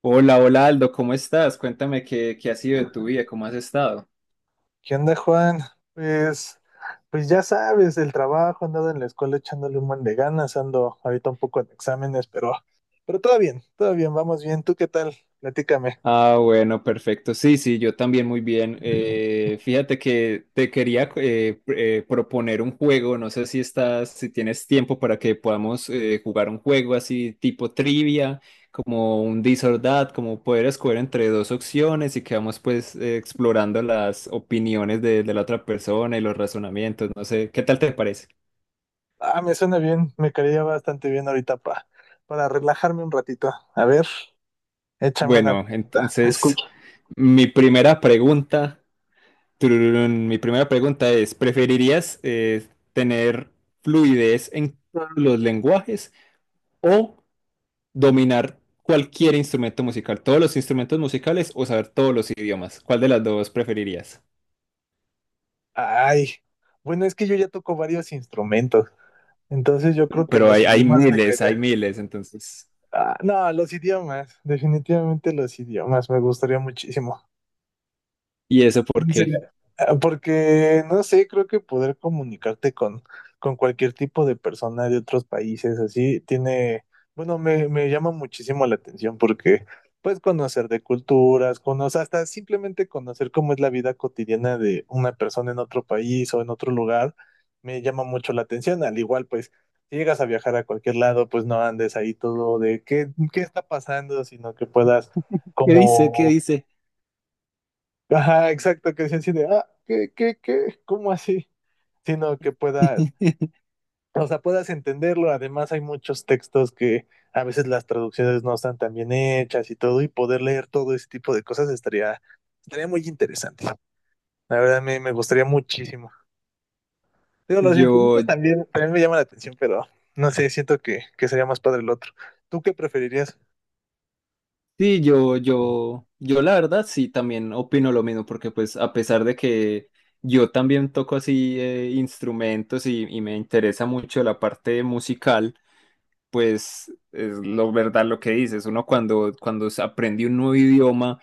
Hola, hola Aldo, ¿cómo estás? Cuéntame qué ha sido de tu vida, cómo has estado. ¿Qué onda, Juan? Pues, pues ya sabes, el trabajo, andado en la escuela echándole un buen de ganas, ando ahorita un poco en exámenes, pero todo bien, vamos bien. ¿Tú qué tal? Platícame. Ah, bueno, perfecto. Sí, sí, yo también muy bien. Fíjate que te quería proponer un juego. No sé si estás, si tienes tiempo para que podamos jugar un juego así tipo trivia, como un This or That, como poder escoger entre dos opciones y que vamos pues explorando las opiniones de la otra persona y los razonamientos. No sé, ¿qué tal te parece? Ah, me suena bien, me caería bastante bien ahorita para relajarme un ratito. A ver, échame una Bueno, pregunta, te entonces escucho. mi primera pregunta, tururún, mi primera pregunta es, ¿preferirías tener fluidez en todos los lenguajes o dominar cualquier instrumento musical, todos los instrumentos musicales o saber todos los idiomas? ¿Cuál de las dos preferirías? Ay, bueno, es que yo ya toco varios instrumentos, entonces yo creo que Pero los hay idiomas me miles, hay caería. miles, entonces. Ah, no, los idiomas, definitivamente los idiomas, me gustaría muchísimo. ¿Y eso por Se qué? Porque, no sé, creo que poder comunicarte con cualquier tipo de persona de otros países, así, tiene, bueno, me llama muchísimo la atención porque puedes conocer de culturas, conocer, hasta simplemente conocer cómo es la vida cotidiana de una persona en otro país o en otro lugar, me llama mucho la atención. Al igual, pues, si llegas a viajar a cualquier lado, pues no andes ahí todo de qué está pasando, sino que puedas ¿Qué dice? ¿Qué como... dice? Ajá, exacto, que decían así de, ah, qué? ¿Cómo así? Sino que puedas, o sea, puedas entenderlo. Además, hay muchos textos que a veces las traducciones no están tan bien hechas y todo, y poder leer todo ese tipo de cosas estaría muy interesante. La verdad, me gustaría muchísimo. Digo, los Yo, instrumentos también me llaman la atención, pero no sé, siento que sería más padre el otro. ¿Tú qué preferirías? Sí, yo la verdad sí también opino lo mismo, porque pues a pesar de que yo también toco así instrumentos y me interesa mucho la parte musical, pues es lo verdad lo que dices, uno cuando se aprende un nuevo idioma,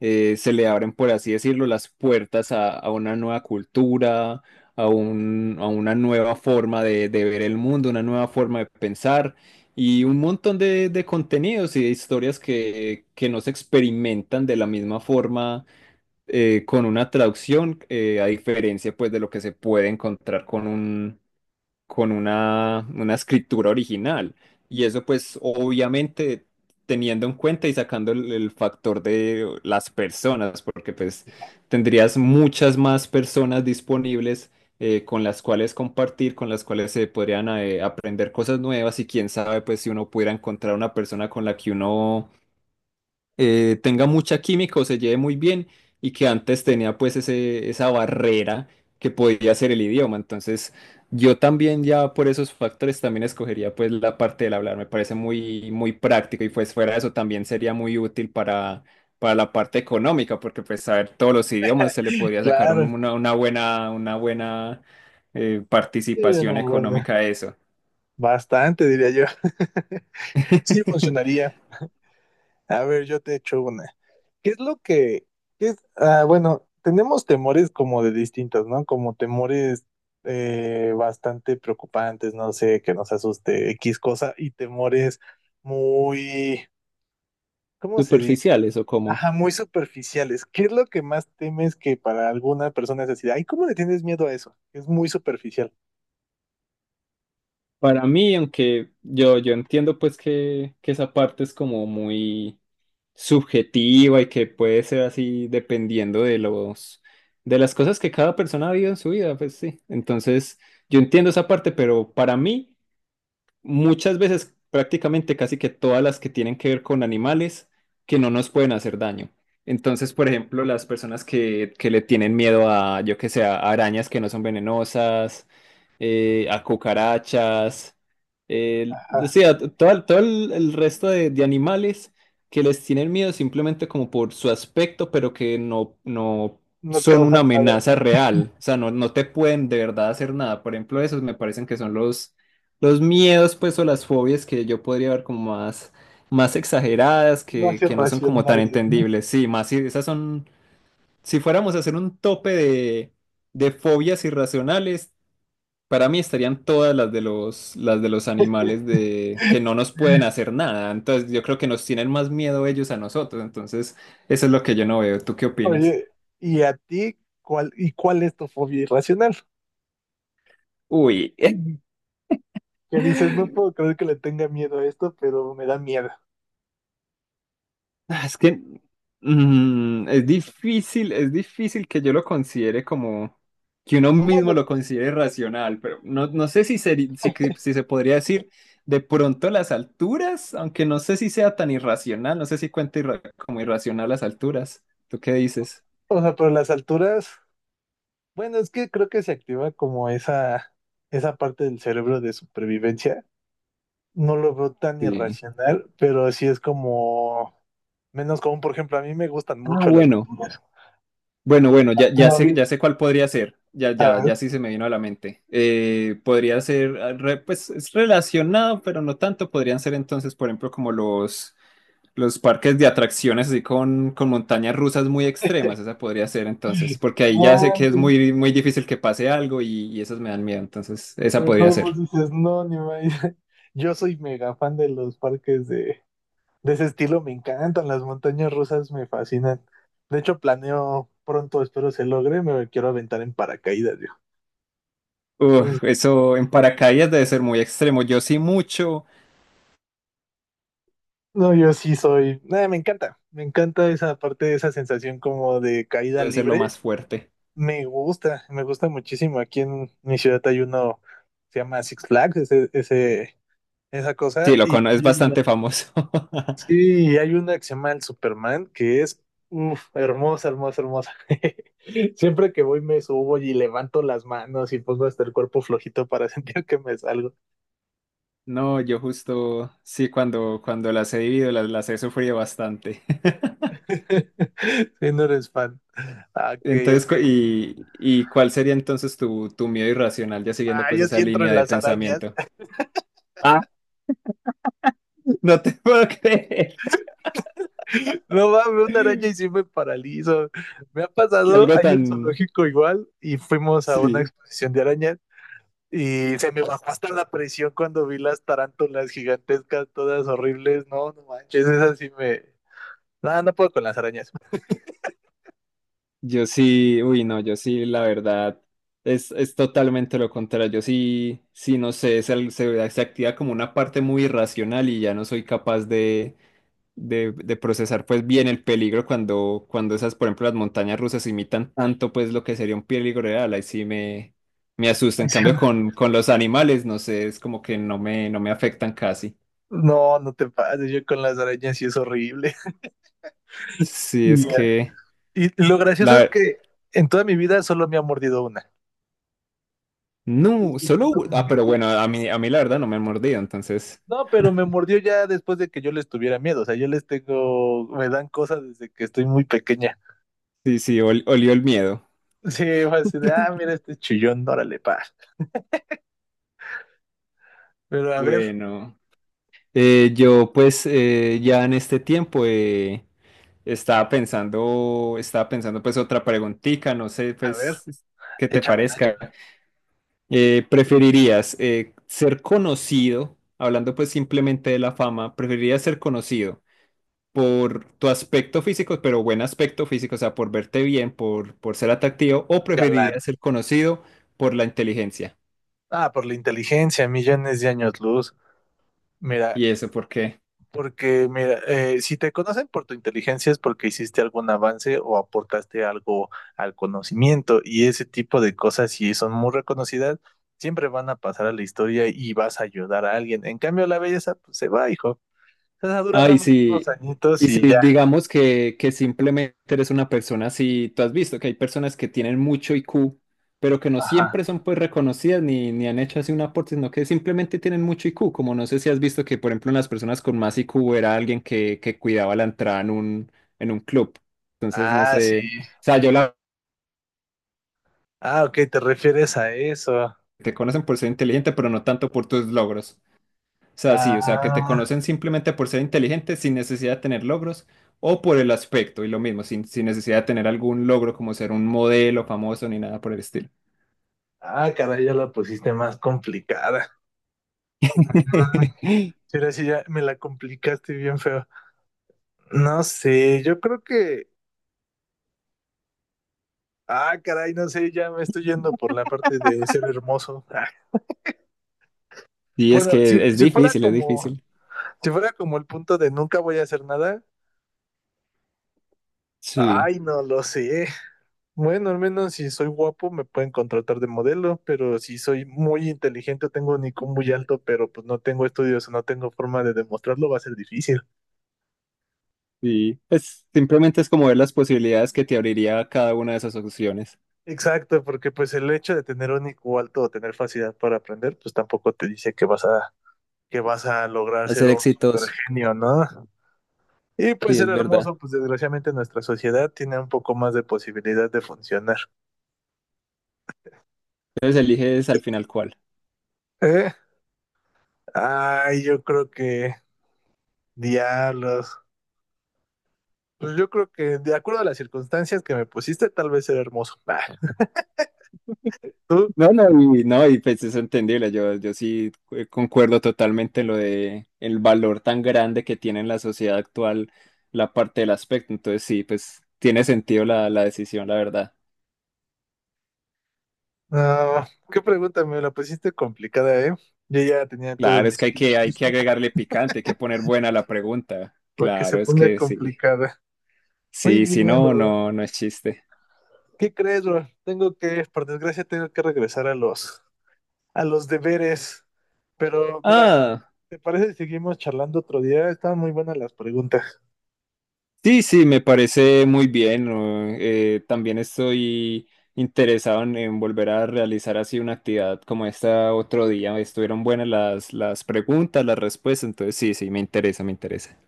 se le abren, por así decirlo, las puertas a una nueva cultura, a una nueva forma de ver el mundo, una nueva forma de pensar y un montón de contenidos y de historias que no se experimentan de la misma forma con una traducción, a diferencia pues de lo que se puede encontrar con un con una escritura original. Y eso pues obviamente teniendo en cuenta y sacando el factor de las personas, porque pues tendrías muchas más personas disponibles con las cuales compartir, con las cuales se podrían aprender cosas nuevas y quién sabe pues si uno pudiera encontrar una persona con la que uno tenga mucha química o se lleve muy bien y que antes tenía pues esa barrera que podía ser el idioma. Entonces yo también ya por esos factores también escogería pues la parte del hablar, me parece muy, muy práctico y pues fuera de eso también sería muy útil para la parte económica porque pues saber todos los idiomas se le podría sacar Claro, una buena sí, participación una buena. económica a eso. Bastante, diría yo. Sí, funcionaría. A ver, yo te echo una. ¿Qué es lo que, qué es, ah, bueno, tenemos temores como de distintos, ¿no? Como temores bastante preocupantes, no sé, que nos asuste X cosa, y temores muy, ¿cómo se dice? ¿Superficiales o cómo? Ajá, muy superficiales. ¿Qué es lo que más temes, que para alguna persona es decir, ay, ¿cómo le tienes miedo a eso? Es muy superficial. Para mí, aunque yo entiendo pues que esa parte es como muy subjetiva y que puede ser así dependiendo de los de las cosas que cada persona ha vivido en su vida, pues sí. Entonces, yo entiendo esa parte, pero para mí muchas veces, prácticamente casi que todas las que tienen que ver con animales que no nos pueden hacer daño. Entonces, por ejemplo, las personas que le tienen miedo a, yo que sé, a arañas que no son venenosas, a cucarachas, o Ajá, sea, todo, todo el resto de animales que les tienen miedo simplemente como por su aspecto, pero que no no son causa una nada, amenaza ¿no? real. O sea, no te pueden de verdad hacer nada. Por ejemplo, esos me parecen que son los miedos, pues, o las fobias que yo podría ver como más, más exageradas, No hace que no son como tan racional, ¿no? entendibles. Sí, más si esas son, si fuéramos a hacer un tope de fobias irracionales, para mí estarían todas las de las de los animales de, que no nos pueden hacer nada. Entonces, yo creo que nos tienen más miedo ellos a nosotros. Entonces, eso es lo que yo no veo. ¿Tú qué opinas? Oye, ¿y a ti cuál es tu fobia irracional? Uy, Que dices, no puedo creer que le tenga miedo a esto, pero me da miedo. Ah, es que mm, es difícil que yo lo considere como que uno O mismo bueno, lo considere racional, pero no, no sé si, si se podría decir de pronto las alturas, aunque no sé si sea tan irracional, no sé si cuenta como irracional las alturas. ¿Tú qué dices? o sea, pero las alturas, bueno, es que creo que se activa como esa parte del cerebro de supervivencia. No lo veo tan Sí. irracional, pero sí es como menos común. Por ejemplo, a mí me gustan Ah, mucho las bueno, alturas. bueno, bueno, ya, Pero a ver, ya sé cuál podría ser. Ya, a ya, ver. ya sí se me vino a la mente. Podría ser, ah, pues es relacionado, pero no tanto. Podrían ser entonces, por ejemplo, como los parques de atracciones así con montañas rusas muy extremas, esa podría ser entonces, porque ahí ya No, sé que es manches, muy, muy difícil que pase algo y esas me dan miedo, entonces esa pero podría todos vos ser. dices, no, ni más. Yo soy mega fan de los parques de ese estilo, me encantan, las montañas rusas me fascinan. De hecho, planeo pronto, espero se logre, me quiero aventar en paracaídas, yo. Entonces, Uf, eso en paracaídas debe ser muy extremo, yo sí mucho, no, yo sí soy, nada, me encanta esa parte, esa sensación como de caída debe ser lo libre, más fuerte. Me gusta muchísimo. Aquí en mi ciudad hay uno, se llama Six Flags, esa Sí, cosa. lo Y conozco, es bastante famoso. sí, hay una que se llama el Superman, que es uf, hermosa, hermosa, hermosa. Siempre que voy me subo y levanto las manos y pongo hasta el cuerpo flojito para sentir que me salgo. No, yo justo, sí, cuando las he vivido, las he sufrido bastante. Si no eres fan. Ah, Entonces, ok. ¿Y cuál sería entonces tu miedo irracional, ya siguiendo Ah, pues yo esa sí entro en línea de las arañas. pensamiento? No te puedo creer No mames, una araña y sí me paralizo. Me ha que pasado, algo hay un tan... zoológico igual y fuimos a una Sí, exposición de arañas. Y se me bajó hasta la presión cuando vi las tarántulas gigantescas, todas horribles. No, no manches, esas sí me. No, no puedo con las arañas. yo sí, uy, no, yo sí, la verdad, es totalmente lo contrario. Yo sí, sí, no sé, se activa como una parte muy irracional y ya no soy capaz de procesar pues bien el peligro cuando esas, por ejemplo, las montañas rusas imitan tanto pues lo que sería un peligro real. Ahí sí me asusta. En cambio, con los animales, no sé, es como que no no me afectan casi. No, no te pases, yo con las arañas sí es horrible. Sí, Y, es ya. que Y lo gracioso es la... que en toda mi vida solo me ha mordido una. Y No, eso fue solo... como Ah, mi- pero bueno, a mí la verdad no me han mordido, entonces No, pero me mordió ya después de que yo les tuviera miedo. O sea, yo les tengo, me dan cosas desde que estoy muy pequeña. sí, sí, olió el miedo. Sí, fue así de, ah, mira este chillón, órale, pa. Pero Bueno, yo pues ya en este tiempo estaba pensando pues otra preguntita, no sé a ver, pues qué te échamela, parezca. échamela. ¿Preferirías ser conocido, hablando pues simplemente de la fama, preferirías ser conocido por tu aspecto físico, pero buen aspecto físico, o sea, por verte bien, por ser atractivo, o Galán. preferirías ser conocido por la inteligencia. Ah, por la inteligencia, millones de años luz. Mira, ¿Y eso por qué? porque mira, si te conocen por tu inteligencia es porque hiciste algún avance o aportaste algo al conocimiento, y ese tipo de cosas, si son muy reconocidas, siempre van a pasar a la historia y vas a ayudar a alguien. En cambio, la belleza, pues se va, hijo. Esa dura Ah, nada más unos y añitos si y ya. digamos que simplemente eres una persona así, tú has visto que hay personas que tienen mucho IQ, pero que no Ajá. siempre son pues reconocidas ni, ni han hecho así un aporte, sino que simplemente tienen mucho IQ, como no sé si has visto que, por ejemplo, en las personas con más IQ era alguien que cuidaba la entrada en un club. Entonces, no Ah, sí. sé. O sea, yo la Ah, ok, te refieres a eso. te conocen por ser inteligente, pero no tanto por tus logros. O sea, sí, o sea, que te Ah, conocen simplemente por ser inteligente sin necesidad de tener logros o por el aspecto y lo mismo, sin, sin necesidad de tener algún logro como ser un modelo famoso ni nada por el estilo. ah, caray, ya la pusiste más complicada. Sí, ahora sí ya me la complicaste bien feo. No sé, yo creo que. Ah, caray, no sé, ya me estoy yendo por la parte de ser hermoso. Ah, Y es bueno, que es si fuera difícil, es como, difícil. si fuera como el punto de nunca voy a hacer nada, Sí. ay, no lo sé. Bueno, al menos si soy guapo me pueden contratar de modelo, pero si soy muy inteligente, tengo un IQ muy alto, pero pues no tengo estudios o no tengo forma de demostrarlo, va a ser difícil. Y pues simplemente es como ver las posibilidades que te abriría cada una de esas opciones. Exacto, porque pues el hecho de tener un IQ alto o tener facilidad para aprender, pues tampoco te dice que vas a lograr A ser ser un super exitoso. genio, ¿no? Y pues Sí, ser es verdad. hermoso, pues desgraciadamente nuestra sociedad tiene un poco más de posibilidad de funcionar. Entonces eliges al final cuál. ¿Eh? Ay, yo creo que diablos. Pues yo creo que de acuerdo a las circunstancias que me pusiste, tal vez ser hermoso. Bah. ¿Tú? No, no, y, no, y pues es entendible. Yo sí concuerdo totalmente en lo de el valor tan grande que tiene en la sociedad actual la parte del aspecto. Entonces sí, pues tiene sentido la, la decisión, la verdad. No, qué pregunta, me la pusiste complicada, ¿eh? Yo ya tenía todo Claro, mi es que hay speech que, hay que listo agregarle picante, hay que poner buena la pregunta. para que se Claro, es ponga que sí. complicada. Muy Sí, sí, bien, no, bro. no, no es chiste. ¿Qué crees, bro? Tengo que, por desgracia, tengo que regresar a los deberes. Pero mira, Ah. ¿te parece si seguimos charlando otro día? Estaban muy buenas las preguntas. Sí, sí, me parece muy bien. ¿No? También estoy interesado en volver a realizar así una actividad como esta otro día. Estuvieron buenas las preguntas, las respuestas, entonces sí, sí, me interesa, me interesa.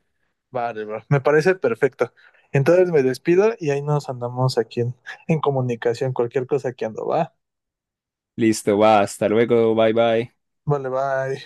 Vale, bro. Me parece perfecto. Entonces me despido y ahí nos andamos aquí en comunicación. Cualquier cosa que ando, va. Listo, va, hasta luego, bye bye. Vale, bye.